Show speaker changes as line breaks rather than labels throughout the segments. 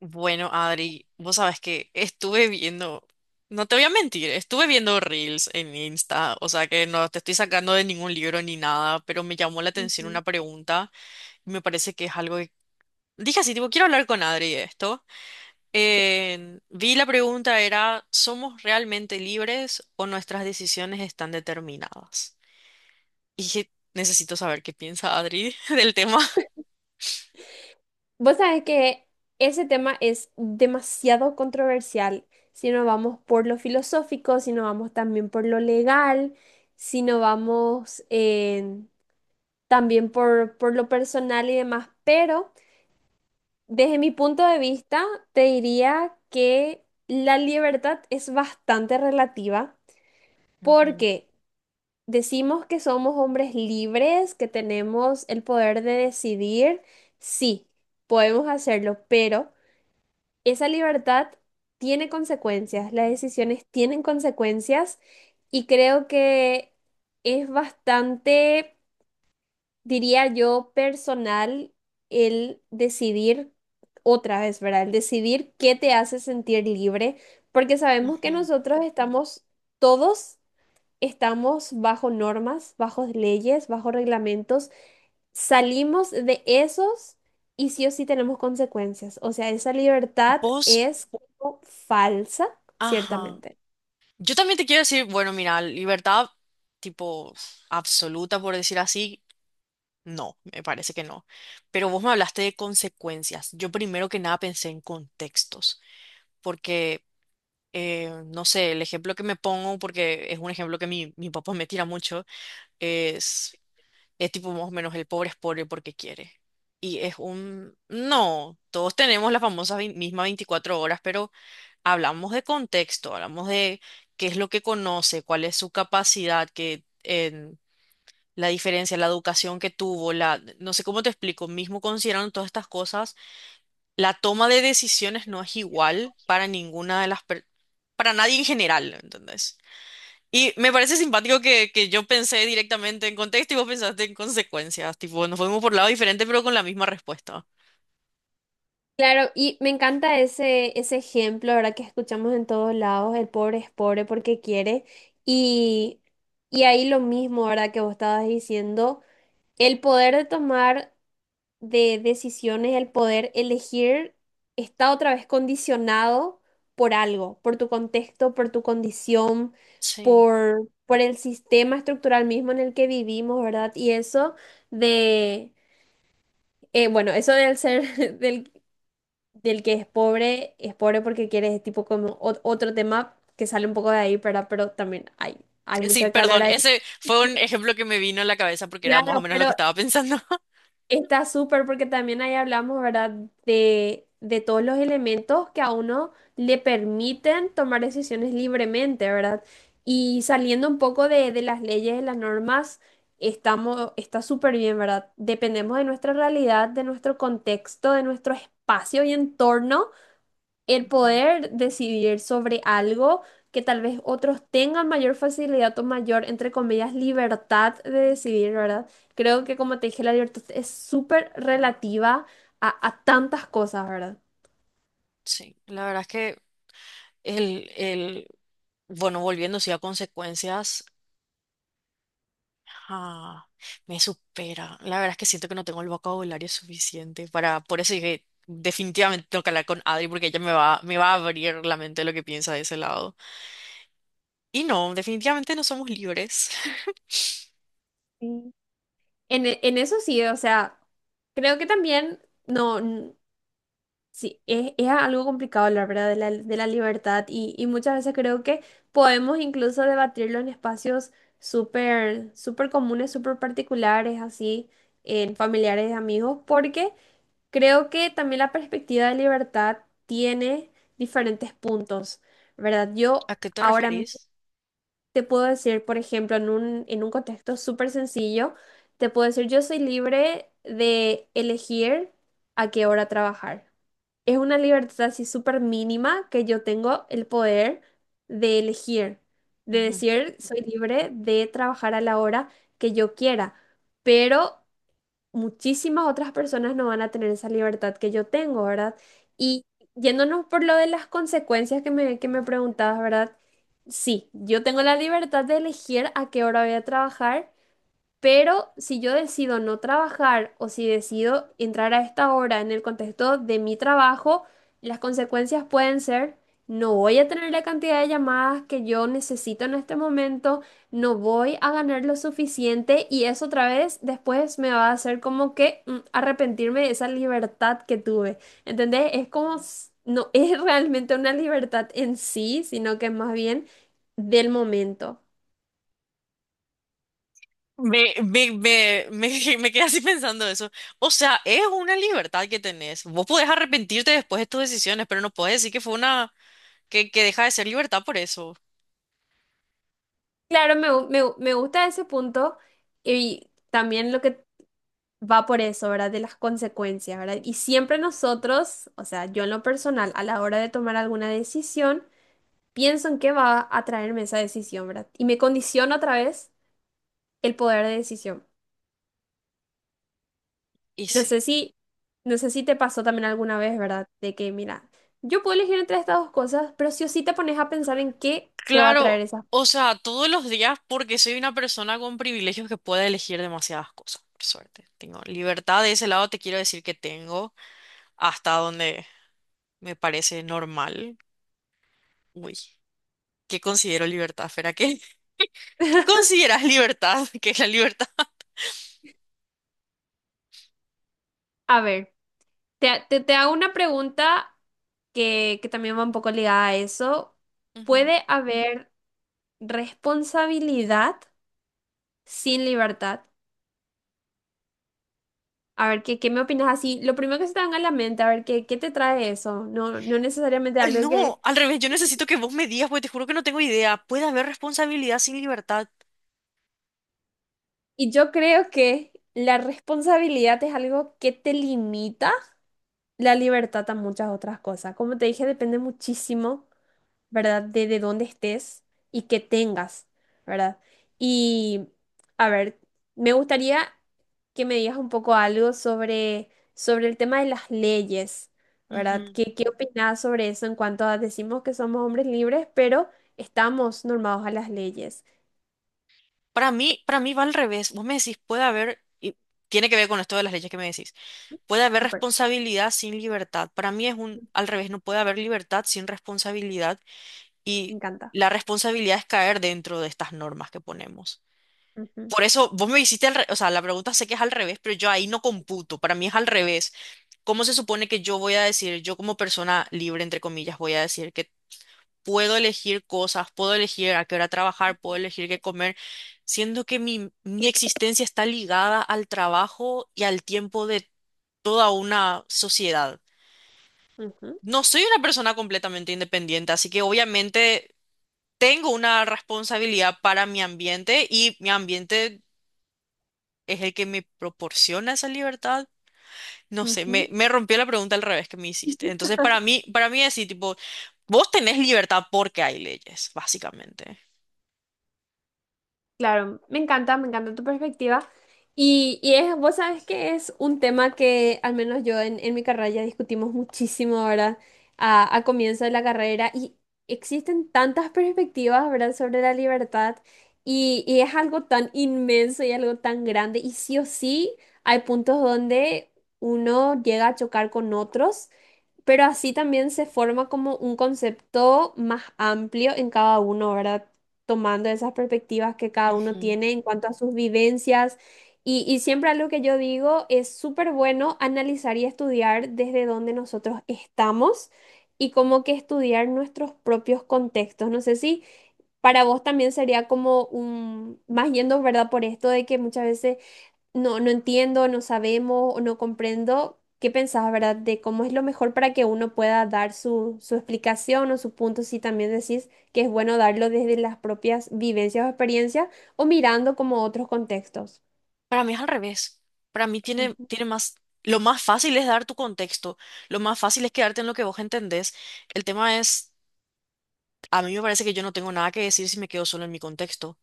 Bueno, Adri, vos sabes que estuve viendo, no te voy a mentir, estuve viendo reels en Insta, o sea que no te estoy sacando de ningún libro ni nada, pero me llamó la atención
Ujú.
una pregunta y me parece que es algo que dije así, tipo, quiero hablar con Adri de esto. Vi la pregunta era, ¿somos realmente libres o nuestras decisiones están determinadas? Y dije, necesito saber qué piensa Adri del tema.
Vos sabés que ese tema es demasiado controversial. Si no vamos por lo filosófico, si no vamos también por lo legal, si no vamos también por lo personal y demás. Pero desde mi punto de vista, te diría que la libertad es bastante relativa
Ujú,
porque decimos que somos hombres libres, que tenemos el poder de decidir. Sí, podemos hacerlo, pero esa libertad tiene consecuencias, las decisiones tienen consecuencias y creo que es bastante, diría yo, personal el decidir otra vez, ¿verdad? El decidir qué te hace sentir libre, porque sabemos que
ujú.
nosotros estamos, todos estamos bajo normas, bajo leyes, bajo reglamentos, salimos de esos y sí o sí tenemos consecuencias. O sea, esa libertad
Vos,
es como falsa,
ajá.
ciertamente.
Yo también te quiero decir, bueno, mira, libertad tipo absoluta, por decir así, no, me parece que no. Pero vos me hablaste de consecuencias. Yo primero que nada pensé en contextos, porque, no sé, el ejemplo que me pongo, porque es un ejemplo que mi papá me tira mucho, es... Es tipo más o menos el pobre es pobre porque quiere. Y es un... No, todos tenemos la famosa misma 24 horas, pero hablamos de contexto, hablamos de qué es lo que conoce, cuál es su capacidad, que, en la diferencia, la educación que tuvo, la... No sé cómo te explico, mismo considerando todas estas cosas, la toma de decisiones no es igual para ninguna de las... Para nadie en general, ¿entendés? Y me parece simpático que yo pensé directamente en contexto y vos pensaste en consecuencias. Tipo, nos fuimos por lados diferentes, pero con la misma respuesta.
Claro, y me encanta ese ejemplo, ¿verdad? Que escuchamos en todos lados: el pobre es pobre porque quiere. Y, y ahí lo mismo, ¿verdad? Que vos estabas diciendo, el poder de tomar de decisiones, el poder elegir, está otra vez condicionado por algo, por tu contexto, por tu condición,
Sí.
por el sistema estructural mismo en el que vivimos, ¿verdad? Y eso de, bueno, eso del ser, del, del que es pobre porque quiere, es tipo como otro tema que sale un poco de ahí, ¿verdad? Pero también hay
Sí,
mucho que hablar
perdón,
ahí.
ese fue un ejemplo que me vino a la cabeza porque era más o
Claro,
menos lo
pero
que estaba pensando.
está súper porque también ahí hablamos, ¿verdad? De todos los elementos que a uno le permiten tomar decisiones libremente, ¿verdad? Y saliendo un poco de las leyes, de las normas, estamos, está súper bien, ¿verdad? Dependemos de nuestra realidad, de nuestro contexto, de nuestro espacio y entorno, el
Ujú.
poder decidir sobre algo que tal vez otros tengan mayor facilidad o mayor, entre comillas, libertad de decidir, ¿verdad? Creo que como te dije, la libertad es súper relativa a tantas cosas, ¿verdad?
Sí, la verdad es que el, el, bueno, volviendo sí a consecuencias, ah, me supera. La verdad es que siento que no tengo el vocabulario suficiente para, por eso dije, definitivamente tengo que hablar con Adri porque ella me va a abrir la mente de lo que piensa de ese lado. Y no, definitivamente no somos libres.
Sí. En eso sí, o sea, creo que también no. Sí, es algo complicado hablar, ¿verdad? De la libertad y muchas veces creo que podemos incluso debatirlo en espacios súper, súper comunes, súper particulares, así, en familiares, amigos, porque creo que también la perspectiva de libertad tiene diferentes puntos, ¿verdad? Yo
¿A qué te
ahora mismo
referís?
te puedo decir, por ejemplo, en un contexto súper sencillo, te puedo decir, yo soy libre de elegir a qué hora trabajar. Es una libertad así súper mínima, que yo tengo el poder de elegir, de
Ujú.
decir, soy libre de trabajar a la hora que yo quiera, pero muchísimas otras personas no van a tener esa libertad que yo tengo, ¿verdad? Y yéndonos por lo de las consecuencias que me preguntabas, ¿verdad? Sí, yo tengo la libertad de elegir a qué hora voy a trabajar, pero si yo decido no trabajar o si decido entrar a esta hora en el contexto de mi trabajo, las consecuencias pueden ser, no voy a tener la cantidad de llamadas que yo necesito en este momento, no voy a ganar lo suficiente y eso otra vez después me va a hacer como que arrepentirme de esa libertad que tuve. ¿Entendés? Es como, no es realmente una libertad en sí, sino que es más bien del momento.
Me quedé así pensando eso. O sea, es una libertad que tenés. Vos podés arrepentirte después de tus decisiones, pero no podés decir que fue una, que deja de ser libertad por eso.
Claro, me gusta ese punto y también lo que va por eso, ¿verdad? De las consecuencias, ¿verdad? Y siempre nosotros, o sea, yo en lo personal, a la hora de tomar alguna decisión, pienso en qué va a traerme esa decisión, ¿verdad? Y me condiciona otra vez el poder de decisión.
Y
No
sí.
sé si, no sé si te pasó también alguna vez, ¿verdad? De que, mira, yo puedo elegir entre estas dos cosas, pero sí o sí te pones a pensar en qué te va a traer
Claro,
esa.
o sea, todos los días porque soy una persona con privilegios que puede elegir demasiadas cosas, por suerte. Tengo libertad de ese lado, te quiero decir que tengo hasta donde me parece normal. Uy, ¿qué considero libertad, Fera? ¿Qué, qué consideras libertad? ¿Qué es la libertad?
A ver. Te hago una pregunta que también va un poco ligada a eso.
Ujú.
¿Puede haber responsabilidad sin libertad? A ver, ¿qué me opinas así? Lo primero que se te venga a la mente, a ver, ¿qué te trae eso? No necesariamente
Ay,
algo
no,
que...
al revés, yo necesito que vos me digas porque te juro que no tengo idea. ¿Puede haber responsabilidad sin libertad?
Y yo creo que la responsabilidad es algo que te limita la libertad a muchas otras cosas. Como te dije, depende muchísimo. ¿Verdad? De dónde estés y qué tengas, ¿verdad? Y, a ver, me gustaría que me digas un poco algo sobre el tema de las leyes, ¿verdad?
Ujú.
¿Qué opinas sobre eso en cuanto a decimos que somos hombres libres, pero estamos normados a las leyes?
Para mí va al revés. Vos me decís, puede haber, y tiene que ver con esto de las leyes que me decís. Puede haber
Súper,
responsabilidad sin libertad. Para mí es un, al revés, no puede haber libertad sin responsabilidad
me
y
encanta.
la responsabilidad es caer dentro de estas normas que ponemos.
Ujú,
Por eso vos me hiciste, o sea, la pregunta sé que es al revés, pero yo ahí no computo. Para mí es al revés. ¿Cómo se supone que yo voy a decir, yo como persona libre, entre comillas, voy a decir que puedo elegir cosas, puedo elegir a qué hora trabajar, puedo elegir qué comer, siendo que mi existencia está ligada al trabajo y al tiempo de toda una sociedad.
ujú,
No soy una persona completamente independiente, así que obviamente tengo una responsabilidad para mi ambiente y mi ambiente es el que me proporciona esa libertad. No sé,
ujú.
me rompió la pregunta al revés que me hiciste. Entonces, para mí es así, tipo, vos tenés libertad porque hay leyes, básicamente.
Claro, me encanta tu perspectiva. Y es, vos sabes que es un tema que al menos yo en mi carrera ya discutimos muchísimo, ¿verdad? A comienzo de la carrera y existen tantas perspectivas, ¿verdad? Sobre la libertad y es algo tan inmenso y algo tan grande y sí o sí hay puntos donde uno llega a chocar con otros, pero así también se forma como un concepto más amplio en cada uno, ¿verdad? Tomando esas perspectivas que cada uno
Ujú.
tiene en cuanto a sus vivencias. Y siempre algo que yo digo, es súper bueno analizar y estudiar desde donde nosotros estamos y como que estudiar nuestros propios contextos. No sé si para vos también sería como un, más yendo, ¿verdad? Por esto de que muchas veces no entiendo, no sabemos o no comprendo. ¿Qué pensás, verdad, de cómo es lo mejor para que uno pueda dar su explicación o su punto? Si también decís que es bueno darlo desde las propias vivencias o experiencias o mirando como otros contextos.
Para mí es al revés. Para mí tiene,
Ujú.
tiene más... Lo más fácil es dar tu contexto. Lo más fácil es quedarte en lo que vos entendés. El tema es, a mí me parece que yo no tengo nada que decir si me quedo solo en mi contexto.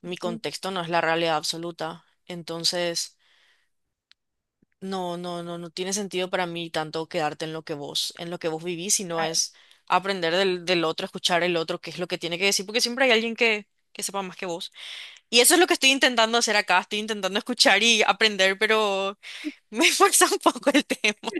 Mi
Ujú.
contexto no es la realidad absoluta. Entonces, no tiene sentido para mí tanto quedarte en lo que vos, en lo que vos vivís, sino es aprender del otro, escuchar el otro, qué es lo que tiene que decir, porque siempre hay alguien que sepa más que vos. Y eso es lo que estoy intentando hacer acá. Estoy intentando escuchar y aprender, pero me esfuerza un poco el tema.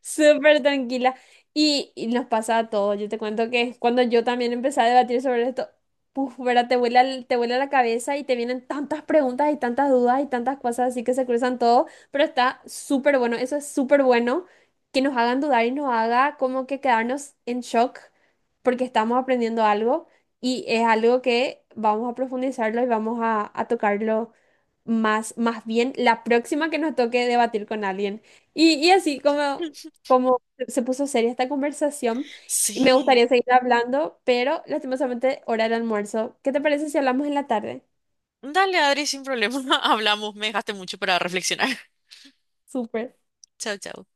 Súper tranquila. Y nos pasa a todos. Yo te cuento que cuando yo también empecé a debatir sobre esto, puf, ¿verdad? Te vuela la cabeza y te vienen tantas preguntas y tantas dudas y tantas cosas así que se cruzan todo. Pero está súper bueno. Eso es súper bueno que nos hagan dudar y nos haga como que quedarnos en shock porque estamos aprendiendo algo y es algo que vamos a profundizarlo y vamos a tocarlo más, más bien la próxima que nos toque debatir con alguien. Y así como como se puso seria esta conversación y me
Sí.
gustaría seguir hablando, pero lastimosamente hora del almuerzo. ¿Qué te parece si hablamos en la tarde?
Dale, Adri, sin problema. Hablamos. Me dejaste mucho para reflexionar.
Súper.
Chao, chao.